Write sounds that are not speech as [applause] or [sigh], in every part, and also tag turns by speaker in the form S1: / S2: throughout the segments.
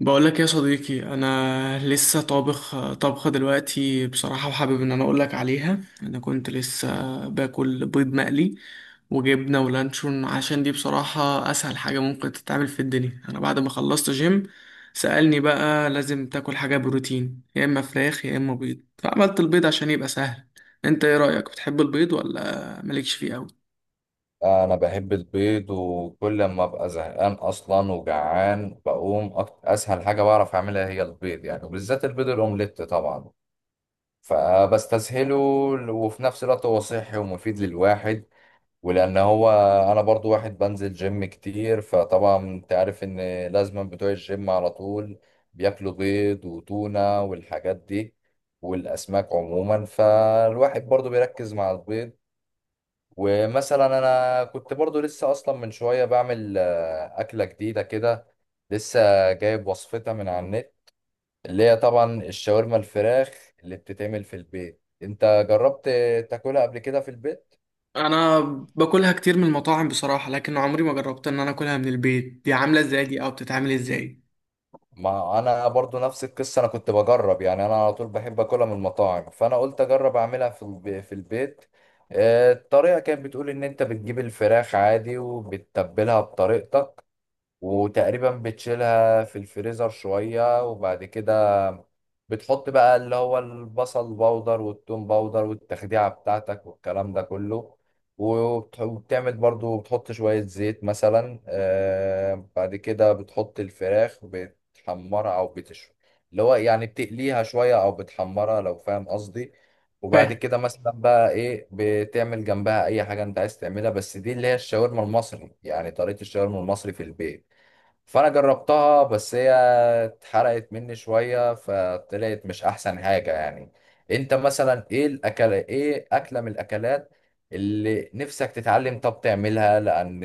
S1: بقول لك يا صديقي، انا لسه طابخ طبخه دلوقتي بصراحه، وحابب ان انا اقول لك عليها. انا كنت لسه باكل بيض مقلي وجبنه ولانشون، عشان دي بصراحه اسهل حاجه ممكن تتعمل في الدنيا. انا بعد ما خلصت جيم سألني بقى لازم تاكل حاجه بروتين، يا اما فراخ يا اما بيض، فعملت البيض عشان يبقى سهل. انت ايه رأيك، بتحب البيض ولا مالكش فيه قوي؟
S2: انا بحب البيض، وكل ما ابقى زهقان اصلا وجعان بقوم اسهل حاجه بعرف اعملها هي البيض، يعني وبالذات البيض الاومليت طبعا. فبستسهله، وفي نفس الوقت هو صحي ومفيد للواحد. ولان هو انا برضو واحد بنزل جيم كتير، فطبعا انت عارف ان لازم بتوع الجيم على طول بياكلوا بيض وتونه والحاجات دي والاسماك عموما، فالواحد برضو بيركز مع البيض. ومثلا انا كنت برضو لسه اصلا من شويه بعمل اكله جديده كده، لسه جايب وصفتها من على النت، اللي هي طبعا الشاورما الفراخ اللي بتتعمل في البيت. انت جربت تاكلها قبل كده في البيت؟
S1: انا باكلها كتير من المطاعم بصراحه، لكن عمري ما جربت ان انا اكلها من البيت. دي عامله ازاي؟ دي او بتتعمل ازاي؟
S2: ما انا برضو نفس القصه، انا كنت بجرب، يعني انا على طول بحب اكلها من المطاعم، فانا قلت اجرب اعملها في في البيت. الطريقه كانت بتقول ان انت بتجيب الفراخ عادي وبتتبلها بطريقتك، وتقريبا بتشيلها في الفريزر شوية، وبعد كده بتحط بقى اللي هو البصل باودر والثوم باودر والتخديعة بتاعتك والكلام ده كله، وبتعمل برضو بتحط شوية زيت مثلا، آه بعد كده بتحط الفراخ بتحمرها أو بتشوي، اللي هو يعني بتقليها شوية أو بتحمرها، لو فاهم قصدي. وبعد
S1: فاهم.
S2: كده مثلا بقى ايه بتعمل جنبها اي حاجة انت عايز تعملها، بس دي اللي هي الشاورما المصري، يعني طريقة الشاورما المصري في البيت. فانا جربتها، بس هي اتحرقت مني شويه، فطلعت مش احسن حاجه يعني. انت مثلا ايه الاكله، ايه اكله من الاكلات اللي نفسك تتعلم طب تعملها؟ لان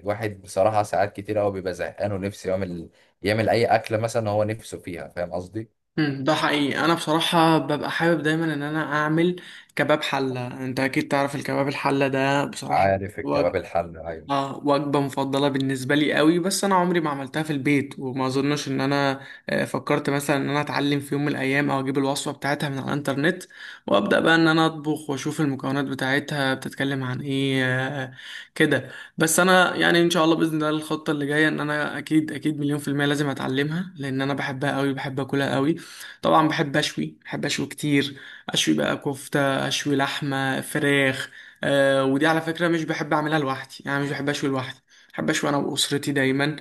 S2: الواحد بصراحه ساعات كتير قوي بيبقى زهقان، ونفسه يعمل، يعمل اي اكله مثلا هو نفسه فيها، فاهم قصدي؟
S1: ده حقيقي. انا بصراحه ببقى حابب دايما ان انا اعمل كباب حله. انت اكيد تعرف الكباب الحله ده، بصراحه
S2: عارف الكباب الحل، ايوه.
S1: اه وجبة مفضلة بالنسبة لي قوي. بس انا عمري ما عملتها في البيت وما اظنش ان انا فكرت مثلا ان انا اتعلم في يوم من الايام، او اجيب الوصفة بتاعتها من على الانترنت وابدا بقى ان انا اطبخ واشوف المكونات بتاعتها بتتكلم عن ايه كده. بس انا يعني ان شاء الله باذن الله الخطة اللي جاية ان انا اكيد اكيد مليون في المية لازم اتعلمها، لان انا بحبها قوي، بحب اكلها قوي. طبعا بحب اشوي، بحب اشوي كتير. اشوي بقى كفتة، اشوي لحمة فراخ. آه ودي على فكرة مش بحب أعملها لوحدي، يعني مش بحب أشوي لوحدي. بحب أشوي أنا وأسرتي دايما،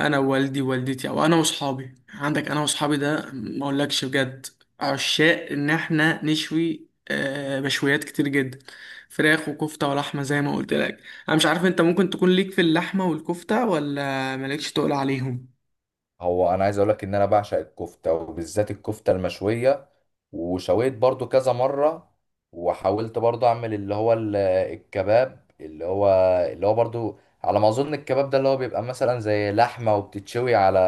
S1: أنا ووالدي ووالدتي، أو أنا وأصحابي. عندك أنا وأصحابي ده ما أقولكش، بجد عشاق إن إحنا نشوي مشويات كتير جدا، فراخ وكفتة ولحمة زي ما قلت لك. أنا مش عارف أنت ممكن تكون ليك في اللحمة والكفتة ولا مالكش، تقول عليهم؟
S2: هو انا عايز اقول لك ان انا بعشق الكفته، وبالذات الكفته المشويه، وشويت برضو كذا مرة. وحاولت برضو اعمل اللي هو الكباب، اللي هو، اللي هو برضو، على ما اظن الكباب ده اللي هو بيبقى مثلا زي لحمة وبتتشوي على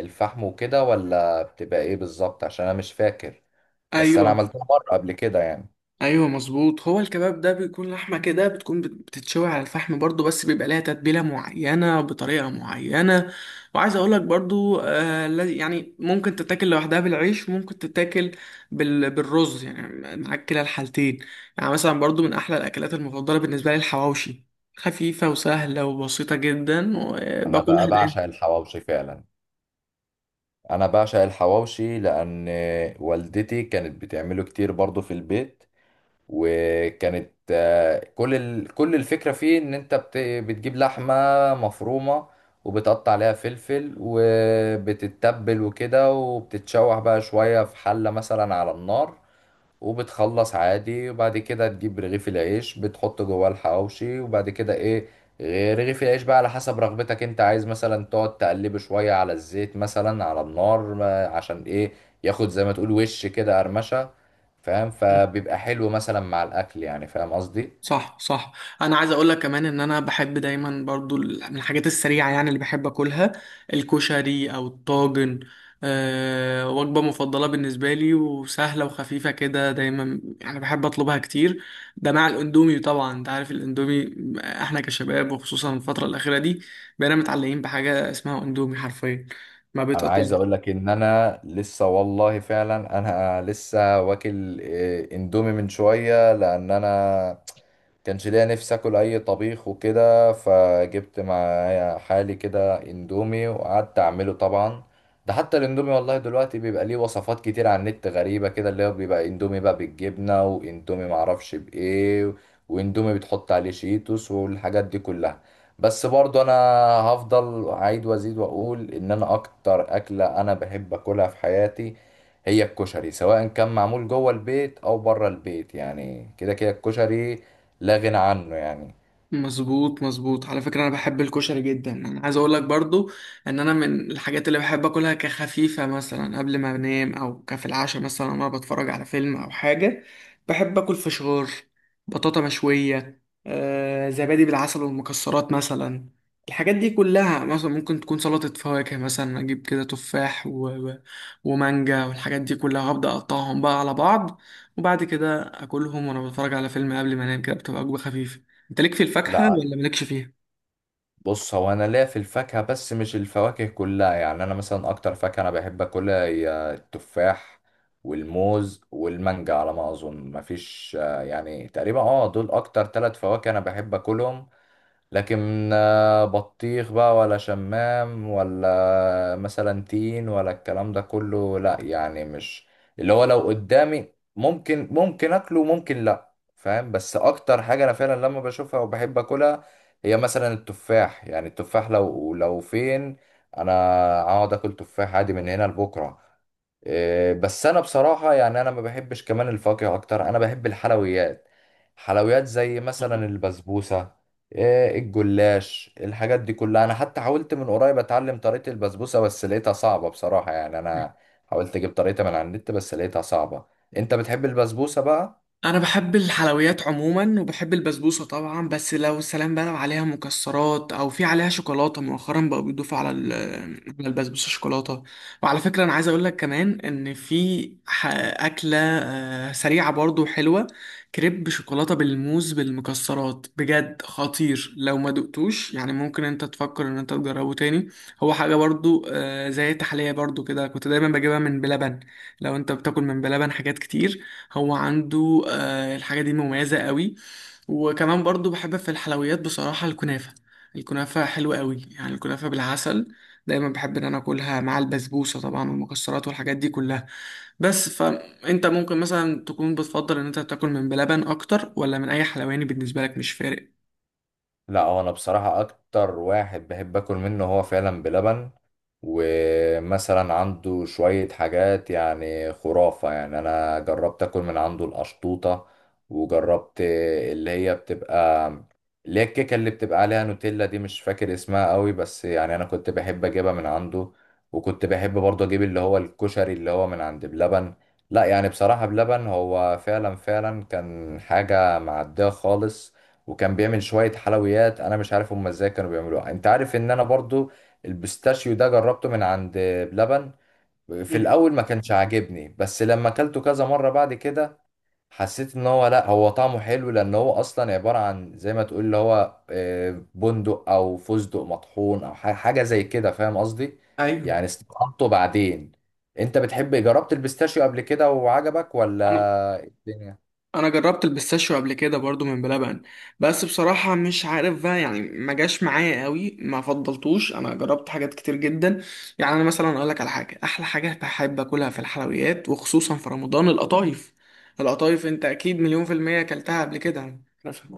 S2: الفحم وكده، ولا بتبقى ايه بالظبط؟ عشان انا مش فاكر. بس انا
S1: أيوة.
S2: عملتها مرة قبل كده يعني.
S1: ايوه مظبوط، هو الكباب ده بيكون لحمه كده، بتكون بتتشوي على الفحم برضو، بس بيبقى لها تتبيله معينه بطريقه معينه. وعايز اقول لك برضو، يعني ممكن تتاكل لوحدها بالعيش، ممكن تتاكل بالرز يعني، معاك كلا الحالتين. يعني مثلا برضو من احلى الاكلات المفضله بالنسبه لي الحواوشي، خفيفه وسهله وبسيطه جدا
S2: انا
S1: وباكلها
S2: بقى
S1: دايما.
S2: بعشق الحواوشي فعلا. انا بعشق الحواوشي لان والدتي كانت بتعمله كتير برضو في البيت. وكانت كل كل الفكرة فيه ان انت بتجيب لحمة مفرومة، وبتقطع عليها فلفل وبتتبل وكده، وبتتشوح بقى شوية في حلة مثلا على النار، وبتخلص عادي. وبعد كده تجيب رغيف العيش بتحط جواه الحواوشي، وبعد كده ايه، رغيف العيش بقى على حسب رغبتك، انت عايز مثلا تقعد تقلبه شوية على الزيت مثلا على النار، عشان ايه، ياخد زي ما تقول وش كده قرمشة، فاهم؟ فبيبقى حلو مثلا مع الاكل، يعني فاهم قصدي.
S1: صح، صح. انا عايز اقول لك كمان ان انا بحب دايما برضو، من الحاجات السريعه يعني اللي بحب اكلها، الكشري او الطاجن. أه وجبه مفضله بالنسبه لي وسهله وخفيفه كده، دايما يعني بحب اطلبها كتير. ده مع الاندومي طبعا. انت عارف الاندومي، احنا كشباب وخصوصا الفتره الاخيره دي بقينا متعلقين بحاجه اسمها اندومي، حرفيا ما
S2: انا عايز اقول
S1: بيتقطعش.
S2: لك ان انا لسه والله فعلا، انا لسه واكل اندومي من شويه، لان انا كانش ليا نفسي اكل اي طبيخ وكده، فجبت معايا حالي كده اندومي وقعدت اعمله طبعا. ده حتى الاندومي والله دلوقتي بيبقى ليه وصفات كتير على النت غريبه كده، اللي هو بيبقى اندومي بقى بالجبنه، واندومي معرفش بايه، واندومي بتحط عليه شيتوس والحاجات دي كلها. بس برضو انا هفضل اعيد وازيد واقول ان انا اكتر اكلة انا بحب اكلها في حياتي هي الكشري، سواء كان معمول جوه البيت او بره البيت، يعني كده كده الكشري لا غنى عنه يعني.
S1: مظبوط، مظبوط. على فكرة انا بحب الكشري جدا. انا عايز اقول لك برضو ان انا من الحاجات اللي بحب اكلها كخفيفة مثلا قبل ما انام، او كفي العشاء مثلا وانا بتفرج على فيلم او حاجة: بحب اكل فشار، بطاطا مشوية، زبادي بالعسل والمكسرات مثلا. الحاجات دي كلها، مثلا ممكن تكون سلطة فواكه، مثلا اجيب كده تفاح ومانجا والحاجات دي كلها، هبدأ اقطعهم بقى على بعض، وبعد كده اكلهم وانا بتفرج على فيلم قبل ما انام. كده بتبقى وجبة خفيفة. انت ليك في الفاكهة
S2: لا،
S1: ولا مالكش فيها؟
S2: بص، هو انا ليا في الفاكهة، بس مش الفواكه كلها، يعني انا مثلا اكتر فاكهة انا بحب اكلها هي التفاح والموز والمانجا، على ما اظن مفيش، يعني تقريبا اه دول اكتر ثلاث فواكه انا بحب اكلهم. لكن، بطيخ بقى ولا شمام ولا مثلا تين ولا الكلام ده كله لا، يعني مش اللي هو، لو قدامي ممكن ممكن اكله وممكن لا، فاهم؟ بس اكتر حاجة انا فعلا لما بشوفها وبحب اكلها هي مثلا التفاح. يعني التفاح لو فين انا، اقعد اكل تفاح عادي من هنا لبكرة. بس انا بصراحة يعني انا ما بحبش كمان الفاكهة اكتر، انا بحب الحلويات، حلويات زي
S1: آه.
S2: مثلا البسبوسة، الجلاش، الحاجات دي كلها. انا حتى حاولت من قريب اتعلم طريقة البسبوسة، بس لقيتها صعبة بصراحة، يعني انا حاولت اجيب طريقة من على النت بس لقيتها صعبة. انت بتحب البسبوسة بقى؟
S1: انا بحب الحلويات عموما، وبحب البسبوسه طبعا. بس لو سلام بقى لو عليها مكسرات او في عليها شوكولاته. مؤخرا بقوا بيضيفوا على [hesitation] على البسبوسه شوكولاته. وعلى فكره انا عايز اقول لك كمان ان في [hesitation] اكله سريعه برضو حلوه: كريب شوكولاته بالموز بالمكسرات، بجد خطير. لو ما دقتوش يعني ممكن انت تفكر ان انت تجربه تاني. هو حاجه برضو، زي التحليه برضو كده، كنت دايما بجيبها من بلبن. لو انت بتاكل من بلبن حاجات كتير، هو عنده الحاجة دي مميزة قوي. وكمان برضو بحب في الحلويات بصراحة الكنافة. الكنافة حلوة قوي يعني، الكنافة بالعسل دايما بحب ان انا اكلها مع البسبوسة طبعا والمكسرات والحاجات دي كلها. بس فانت ممكن مثلا تكون بتفضل ان انت تاكل من بلبن اكتر، ولا من اي حلواني بالنسبة لك مش فارق؟
S2: لا، هو انا بصراحة اكتر واحد بحب اكل منه هو فعلا بلبن. ومثلا عنده شوية حاجات يعني خرافة، يعني أنا جربت أكل من عنده القشطوطة، وجربت اللي هي بتبقى اللي هي الكيكة اللي بتبقى عليها نوتيلا دي، مش فاكر اسمها قوي، بس يعني أنا كنت بحب أجيبها من عنده. وكنت بحب برضه أجيب اللي هو الكشري اللي هو من عند بلبن. لا يعني بصراحة بلبن هو فعلا فعلا كان حاجة معدية خالص، وكان بيعمل شوية حلويات أنا مش عارف هما ازاي كانوا بيعملوها. أنت عارف إن أنا برضو البيستاشيو ده جربته من عند بلبن، في
S1: مم.
S2: الاول ما كانش عاجبني، بس لما اكلته كذا مره بعد كده حسيت ان هو لا، هو طعمه حلو، لان هو اصلا عباره عن زي ما تقول اللي هو، بندق او فستق مطحون او حاجه زي كده، فاهم قصدي؟
S1: ايوه.
S2: يعني استطعمته بعدين. انت بتحب، جربت البيستاشيو قبل كده وعجبك ولا
S1: انا
S2: إيه الدنيا؟
S1: انا جربت البيستاشيو قبل كده برضو من بلبن، بس بصراحة مش عارف بقى يعني، ما جاش معايا قوي، ما فضلتوش. انا جربت حاجات كتير جدا. يعني انا مثلا اقول لك على حاجة، احلى حاجة بحب اكلها في الحلويات وخصوصا في رمضان: القطايف. القطايف انت اكيد مليون في المية اكلتها قبل كده مثلا.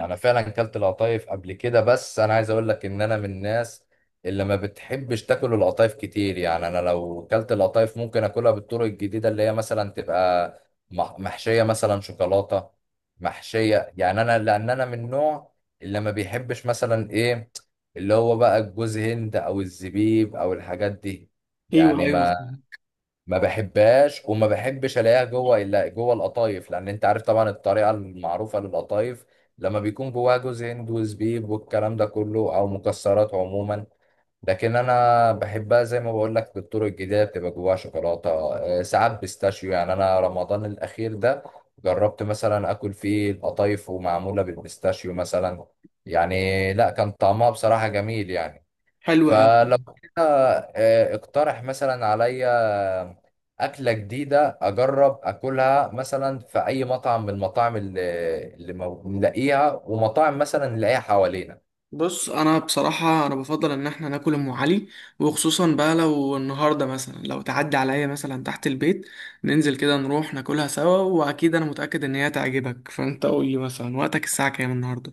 S2: انا فعلا كلت القطايف قبل كده، بس انا عايز اقول لك ان انا من الناس اللي ما بتحبش تاكل القطايف كتير. يعني انا لو كلت القطايف ممكن اكلها بالطرق الجديده، اللي هي مثلا تبقى محشيه مثلا شوكولاته، محشيه، يعني انا لان انا من النوع اللي ما بيحبش مثلا ايه، اللي هو بقى الجوز هند او الزبيب او الحاجات دي.
S1: ايوه،
S2: يعني
S1: ايوه.
S2: ما بحبهاش، وما بحبش الاقيها جوه الا جوه القطايف، لان انت عارف طبعا الطريقه المعروفه للقطايف لما بيكون جواها جوز هند وزبيب والكلام ده كله، او مكسرات عموما. لكن انا بحبها زي ما بقول لك بالطرق الجديده، بتبقى جواها شوكولاته، ساعات بيستاشيو. يعني انا رمضان الاخير ده جربت مثلا اكل فيه القطايف ومعموله بالبيستاشيو مثلا، يعني لا كان طعمها بصراحه جميل يعني.
S1: حلوة.
S2: فلو كده اقترح مثلا عليا أكلة جديدة أجرب أكلها مثلا في أي مطعم من المطاعم اللي نلاقيها، ومطاعم مثلا نلاقيها حوالينا.
S1: بص انا بصراحه، انا بفضل ان احنا ناكل ام علي، وخصوصا بقى لو النهارده مثلا لو تعدي عليا مثلا تحت البيت، ننزل كده نروح ناكلها سوا. واكيد انا متاكد ان هي تعجبك. فانت قول لي مثلا وقتك الساعه كام النهارده؟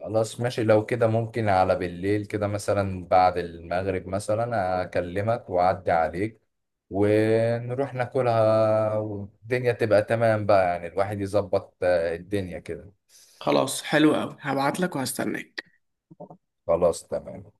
S2: خلاص ماشي، لو كده ممكن على بالليل كده مثلا بعد المغرب مثلا أكلمك وأعدي عليك، ونروح ناكلها، والدنيا تبقى تمام بقى. يعني الواحد يظبط الدنيا كده.
S1: خلاص حلو قوي، هبعت لك وهستناك.
S2: خلاص تمام.